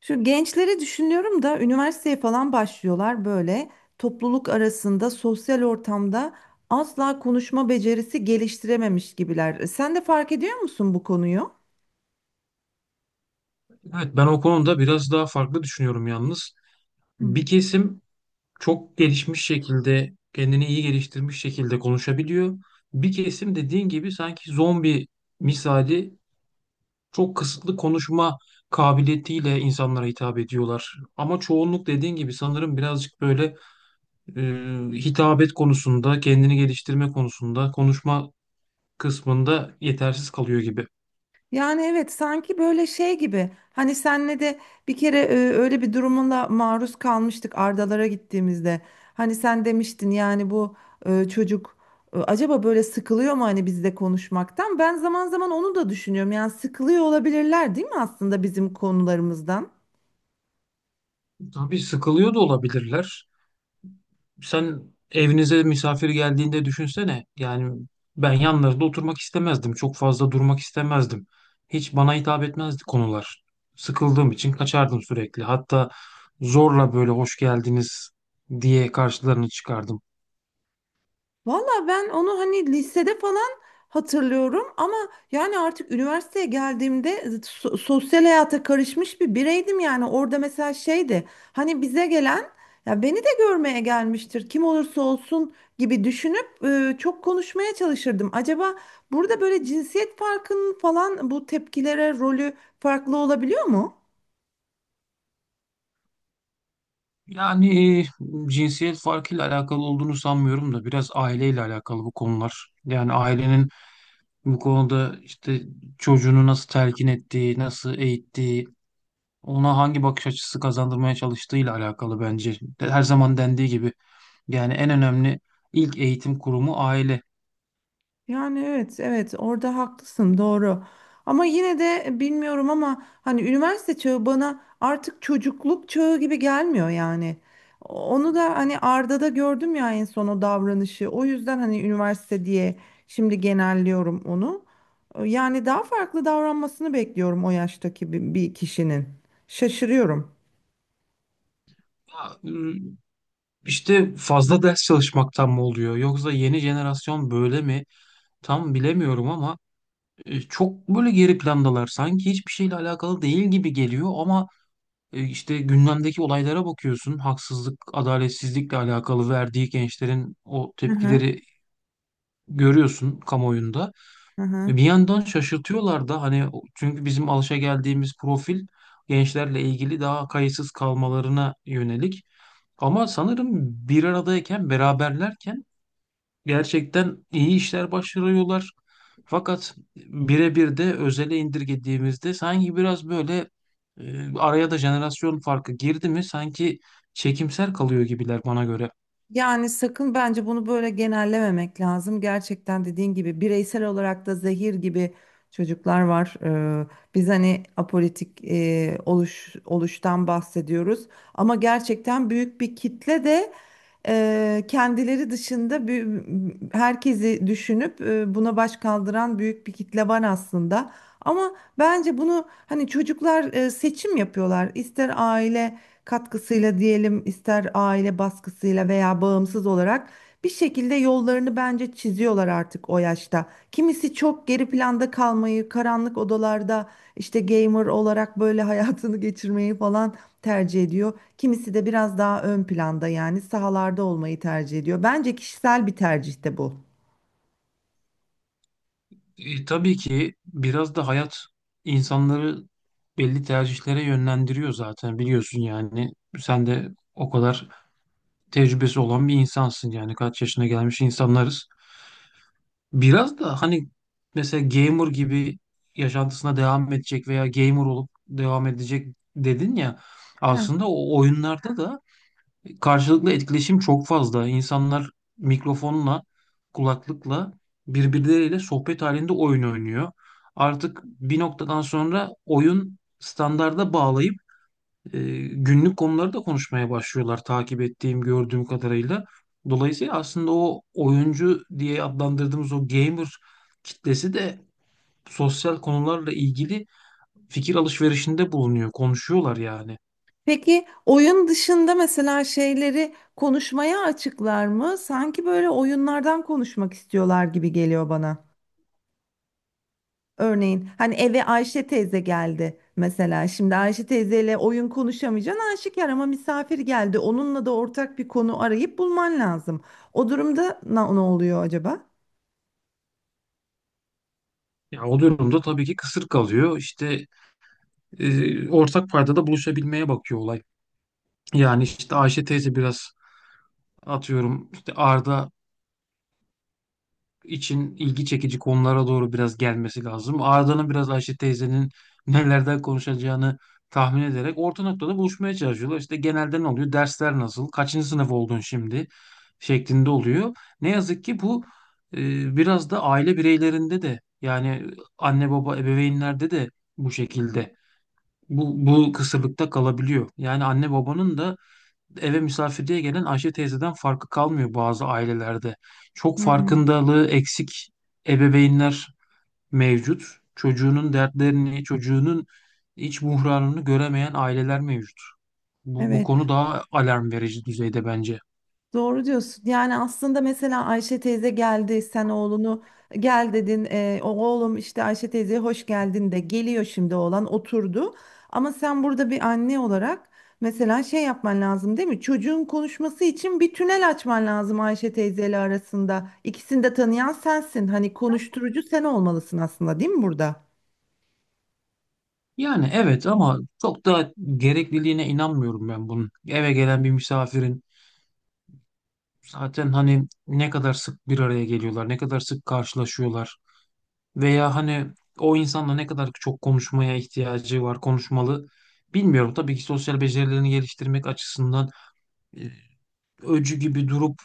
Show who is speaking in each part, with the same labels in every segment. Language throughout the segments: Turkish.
Speaker 1: Şu gençleri düşünüyorum da üniversiteye falan başlıyorlar böyle topluluk arasında sosyal ortamda asla konuşma becerisi geliştirememiş gibiler. Sen de fark ediyor musun bu konuyu?
Speaker 2: Evet ben o konuda biraz daha farklı düşünüyorum yalnız.
Speaker 1: Hı.
Speaker 2: Bir kesim çok gelişmiş şekilde, kendini iyi geliştirmiş şekilde konuşabiliyor. Bir kesim dediğin gibi sanki zombi misali çok kısıtlı konuşma kabiliyetiyle insanlara hitap ediyorlar. Ama çoğunluk dediğin gibi sanırım birazcık böyle e, hitabet konusunda, kendini geliştirme konusunda, konuşma kısmında yetersiz kalıyor gibi.
Speaker 1: Yani evet, sanki böyle şey gibi, hani senle de bir kere öyle bir durumla maruz kalmıştık Ardalara gittiğimizde. Hani sen demiştin yani bu çocuk acaba böyle sıkılıyor mu hani bizle konuşmaktan? Ben zaman zaman onu da düşünüyorum, yani sıkılıyor olabilirler değil mi aslında bizim konularımızdan?
Speaker 2: Tabii sıkılıyor da olabilirler. Sen evinize misafir geldiğinde düşünsene. Yani ben yanlarında oturmak istemezdim. Çok fazla durmak istemezdim. Hiç bana hitap etmezdi konular. Sıkıldığım için kaçardım sürekli. Hatta zorla böyle hoş geldiniz diye karşılarını çıkardım.
Speaker 1: Valla ben onu hani lisede falan hatırlıyorum ama yani artık üniversiteye geldiğimde sosyal hayata karışmış bir bireydim, yani orada mesela şeydi, hani bize gelen ya beni de görmeye gelmiştir, kim olursa olsun, gibi düşünüp çok konuşmaya çalışırdım. Acaba burada böyle cinsiyet farkının falan bu tepkilere rolü farklı olabiliyor mu?
Speaker 2: Yani cinsiyet farkıyla alakalı olduğunu sanmıyorum da biraz aileyle alakalı bu konular. Yani ailenin bu konuda işte çocuğunu nasıl telkin ettiği, nasıl eğittiği, ona hangi bakış açısı kazandırmaya çalıştığıyla alakalı bence. Her zaman dendiği gibi yani en önemli ilk eğitim kurumu aile.
Speaker 1: Yani evet evet, orada haklısın, doğru. Ama yine de bilmiyorum ama hani üniversite çağı bana artık çocukluk çağı gibi gelmiyor yani. Onu da hani Arda'da gördüm ya en son o davranışı. O yüzden hani üniversite diye şimdi genelliyorum onu. Yani daha farklı davranmasını bekliyorum o yaştaki bir kişinin. Şaşırıyorum.
Speaker 2: Ya, ıı, işte fazla ders çalışmaktan mı oluyor yoksa yeni jenerasyon böyle mi? Tam bilemiyorum ama çok böyle geri plandalar. Sanki hiçbir şeyle alakalı değil gibi geliyor ama işte gündemdeki olaylara bakıyorsun. Haksızlık, adaletsizlikle alakalı verdiği gençlerin o
Speaker 1: Hı hı.
Speaker 2: tepkileri görüyorsun kamuoyunda.
Speaker 1: Hı hı.
Speaker 2: Ve bir yandan şaşırtıyorlar da hani çünkü bizim alışageldiğimiz profil gençlerle ilgili daha kayıtsız kalmalarına yönelik. Ama sanırım bir aradayken, beraberlerken gerçekten iyi işler başarıyorlar. Fakat birebir de özele indirgediğimizde sanki biraz böyle araya da jenerasyon farkı girdi mi sanki çekimser kalıyor gibiler bana göre.
Speaker 1: Yani sakın bence bunu böyle genellememek lazım. Gerçekten dediğin gibi bireysel olarak da zehir gibi çocuklar var. Ee, Biz hani apolitik oluştan bahsediyoruz. Ama gerçekten büyük bir kitle de kendileri dışında herkesi düşünüp buna baş kaldıran büyük bir kitle var aslında. Ama bence bunu hani çocuklar seçim yapıyorlar. İster aile katkısıyla diyelim, ister aile baskısıyla veya bağımsız olarak bir şekilde yollarını bence çiziyorlar artık o yaşta. Kimisi çok geri planda kalmayı, karanlık odalarda işte gamer olarak böyle hayatını geçirmeyi falan tercih ediyor. Kimisi de biraz daha ön planda, yani sahalarda olmayı tercih ediyor. Bence kişisel bir tercih de bu.
Speaker 2: Tabii ki biraz da hayat insanları belli tercihlere yönlendiriyor zaten biliyorsun yani. Sen de o kadar tecrübesi olan bir insansın yani kaç yaşına gelmiş insanlarız. Biraz da hani mesela gamer gibi yaşantısına devam edecek veya gamer olup devam edecek dedin ya
Speaker 1: Ha.
Speaker 2: aslında o oyunlarda da karşılıklı etkileşim çok fazla. İnsanlar mikrofonla, kulaklıkla birbirleriyle sohbet halinde oyun oynuyor. Artık bir noktadan sonra oyun standarda bağlayıp e, günlük konuları da konuşmaya başlıyorlar takip ettiğim, gördüğüm kadarıyla. Dolayısıyla aslında o oyuncu diye adlandırdığımız o gamer kitlesi de sosyal konularla ilgili fikir alışverişinde bulunuyor, konuşuyorlar yani.
Speaker 1: Peki oyun dışında mesela şeyleri konuşmaya açıklar mı? Sanki böyle oyunlardan konuşmak istiyorlar gibi geliyor bana. Örneğin hani eve Ayşe teyze geldi mesela. Şimdi Ayşe teyzeyle oyun konuşamayacaksın aşikar, ama misafir geldi. Onunla da ortak bir konu arayıp bulman lazım. O durumda ne oluyor acaba?
Speaker 2: Ya o durumda tabii ki kısır kalıyor. İşte ortak paydada buluşabilmeye bakıyor olay. Yani işte Ayşe teyze biraz atıyorum işte Arda için ilgi çekici konulara doğru biraz gelmesi lazım. Arda'nın biraz Ayşe teyzenin nelerden konuşacağını tahmin ederek orta noktada buluşmaya çalışıyorlar. İşte genelde ne oluyor? Dersler nasıl? Kaçıncı sınıf oldun şimdi, şeklinde oluyor. Ne yazık ki bu biraz da aile bireylerinde de yani anne baba ebeveynlerde de bu şekilde bu kısırlıkta kalabiliyor. Yani anne babanın da eve misafirliğe gelen Ayşe teyzeden farkı kalmıyor bazı ailelerde. Çok
Speaker 1: Hmm,
Speaker 2: farkındalığı eksik ebeveynler mevcut. Çocuğunun dertlerini, çocuğunun iç buhranını göremeyen aileler mevcut. Bu
Speaker 1: evet.
Speaker 2: konu daha alarm verici düzeyde bence.
Speaker 1: Doğru diyorsun. Yani aslında mesela Ayşe teyze geldi, sen oğlunu gel dedin. O oğlum işte Ayşe teyzeye hoş geldin de geliyor, şimdi oğlan oturdu. Ama sen burada bir anne olarak mesela şey yapman lazım değil mi? Çocuğun konuşması için bir tünel açman lazım Ayşe teyzeyle arasında. İkisini de tanıyan sensin. Hani konuşturucu sen olmalısın aslında değil mi burada?
Speaker 2: Yani evet ama çok da gerekliliğine inanmıyorum ben bunun. Eve gelen bir misafirin zaten hani ne kadar sık bir araya geliyorlar, ne kadar sık karşılaşıyorlar. Veya hani o insanla ne kadar çok konuşmaya ihtiyacı var, konuşmalı bilmiyorum. Tabii ki sosyal becerilerini geliştirmek açısından e, öcü gibi durup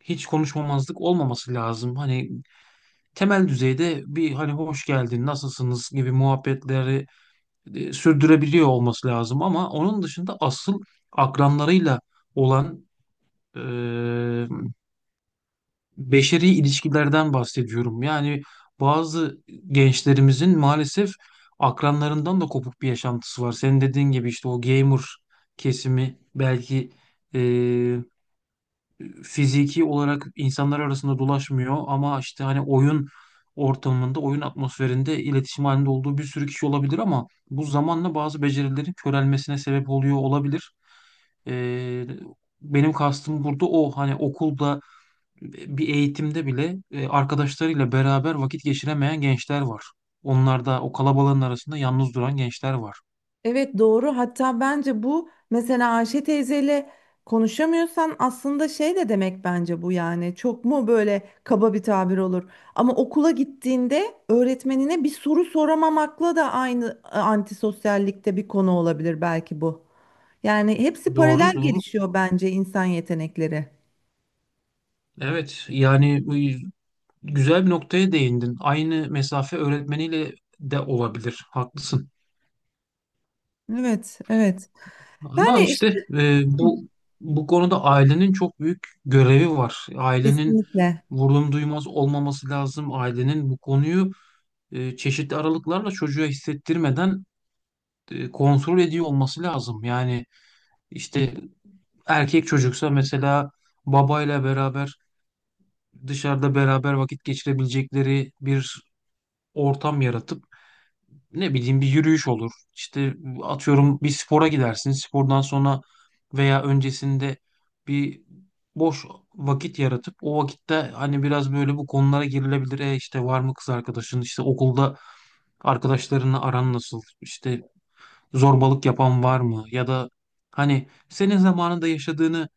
Speaker 2: hiç konuşmamazlık olmaması lazım. Hani temel düzeyde bir hani hoş geldin, nasılsınız gibi muhabbetleri sürdürebiliyor olması lazım. Ama onun dışında asıl akranlarıyla olan e, beşeri ilişkilerden bahsediyorum. Yani bazı gençlerimizin maalesef akranlarından da kopuk bir yaşantısı var. Senin dediğin gibi işte o gamer kesimi belki e, fiziki olarak insanlar arasında dolaşmıyor ama işte hani oyun ortamında, oyun atmosferinde iletişim halinde olduğu bir sürü kişi olabilir ama bu zamanla bazı becerilerin körelmesine sebep oluyor olabilir. E, Benim kastım burada o hani okulda bir eğitimde bile arkadaşlarıyla beraber vakit geçiremeyen gençler var. Onlar da o kalabalığın arasında yalnız duran gençler var.
Speaker 1: Evet, doğru. Hatta bence bu mesela Ayşe teyzeyle konuşamıyorsan aslında şey de demek bence bu, yani. Çok mu böyle kaba bir tabir olur. Ama okula gittiğinde öğretmenine bir soru soramamakla da aynı antisosyallikte bir konu olabilir belki bu. Yani hepsi paralel
Speaker 2: Doğru, doğru.
Speaker 1: gelişiyor bence insan yetenekleri.
Speaker 2: Evet, yani e, güzel bir noktaya değindin. Aynı mesafe öğretmeniyle de olabilir. Haklısın.
Speaker 1: Evet, evet.
Speaker 2: Ama
Speaker 1: Yani
Speaker 2: işte
Speaker 1: işte
Speaker 2: bu konuda ailenin çok büyük görevi var. Ailenin
Speaker 1: kesinlikle.
Speaker 2: vurdum duymaz olmaması lazım. Ailenin bu konuyu çeşitli aralıklarla çocuğa hissettirmeden kontrol ediyor olması lazım. Yani işte erkek çocuksa mesela babayla beraber dışarıda beraber vakit geçirebilecekleri bir ortam yaratıp ne bileyim bir yürüyüş olur. İşte atıyorum bir spora gidersin. Spordan sonra veya öncesinde bir boş vakit yaratıp o vakitte hani biraz böyle bu konulara girilebilir. E işte var mı kız arkadaşın? İşte okulda arkadaşlarınla aran nasıl? İşte zorbalık yapan var mı? Ya da hani senin zamanında yaşadığını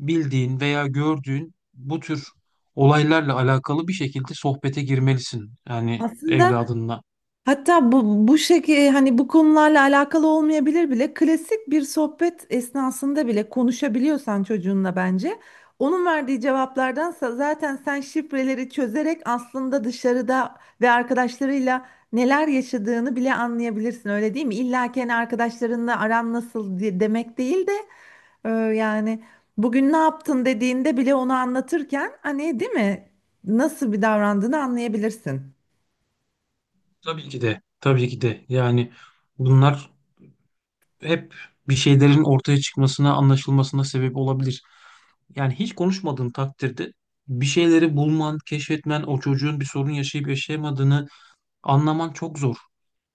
Speaker 2: bildiğin veya gördüğün bu tür olaylarla alakalı bir şekilde sohbete girmelisin. Yani
Speaker 1: Aslında
Speaker 2: evladınla.
Speaker 1: hatta bu şekilde hani bu konularla alakalı olmayabilir bile, klasik bir sohbet esnasında bile konuşabiliyorsan çocuğunla, bence onun verdiği cevaplardansa zaten sen şifreleri çözerek aslında dışarıda ve arkadaşlarıyla neler yaşadığını bile anlayabilirsin öyle değil mi? İlla ki hani arkadaşlarınla aran nasıl diye demek değil de e, yani bugün ne yaptın dediğinde bile onu anlatırken, hani değil mi? Nasıl bir davrandığını anlayabilirsin.
Speaker 2: Tabii ki de. Tabii ki de. Yani bunlar hep bir şeylerin ortaya çıkmasına, anlaşılmasına sebep olabilir. Yani hiç konuşmadığın takdirde bir şeyleri bulman, keşfetmen, o çocuğun bir sorun yaşayıp yaşayamadığını anlaman çok zor.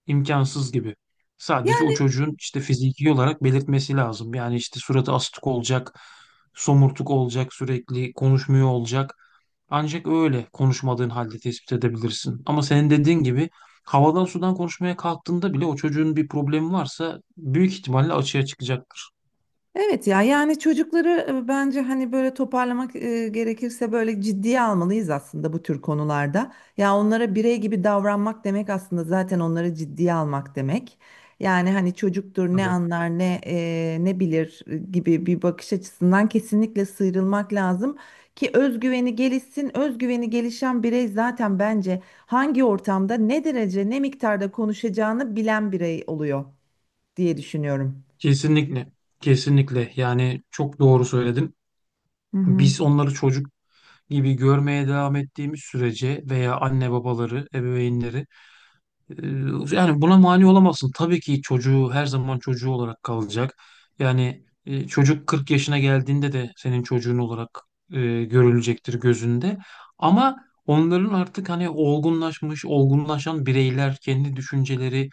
Speaker 2: İmkansız gibi. Sadece o
Speaker 1: Yani
Speaker 2: çocuğun işte fiziki olarak belirtmesi lazım. Yani işte suratı astık olacak, somurtuk olacak, sürekli konuşmuyor olacak. Ancak öyle konuşmadığın halde tespit edebilirsin. Ama senin dediğin gibi havadan sudan konuşmaya kalktığında bile o çocuğun bir problemi varsa büyük ihtimalle açığa çıkacaktır.
Speaker 1: evet ya, yani çocukları bence hani böyle toparlamak gerekirse böyle ciddiye almalıyız aslında bu tür konularda. Ya onlara birey gibi davranmak demek aslında zaten onları ciddiye almak demek. Yani hani çocuktur ne
Speaker 2: Tabii.
Speaker 1: anlar ne ne bilir gibi bir bakış açısından kesinlikle sıyrılmak lazım ki özgüveni gelişsin. Özgüveni gelişen birey zaten bence hangi ortamda ne derece ne miktarda konuşacağını bilen birey oluyor diye düşünüyorum.
Speaker 2: Kesinlikle. Kesinlikle. Yani çok doğru söyledin.
Speaker 1: Hı hı.
Speaker 2: Biz onları çocuk gibi görmeye devam ettiğimiz sürece veya anne babaları, ebeveynleri Ee, yani buna mani olamazsın. Tabii ki çocuğu her zaman çocuğu olarak kalacak. Yani çocuk 40 yaşına geldiğinde de senin çocuğun olarak görülecektir gözünde. Ama onların artık hani olgunlaşmış, olgunlaşan bireyler kendi düşünceleri,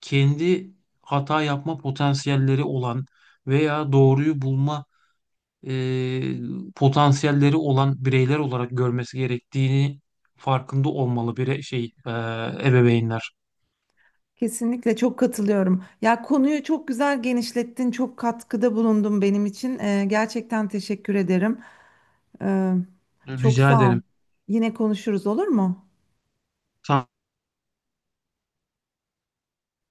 Speaker 2: kendi hata yapma potansiyelleri olan veya doğruyu bulma potansiyelleri olan bireyler olarak görmesi gerektiğini farkında olmalı bir şey ebeveynler.
Speaker 1: Kesinlikle çok katılıyorum. Ya konuyu çok güzel genişlettin, çok katkıda bulundun benim için. Gerçekten teşekkür ederim. Ee, Çok
Speaker 2: Rica
Speaker 1: sağ ol.
Speaker 2: ederim.
Speaker 1: Yine konuşuruz olur mu?
Speaker 2: Tamam.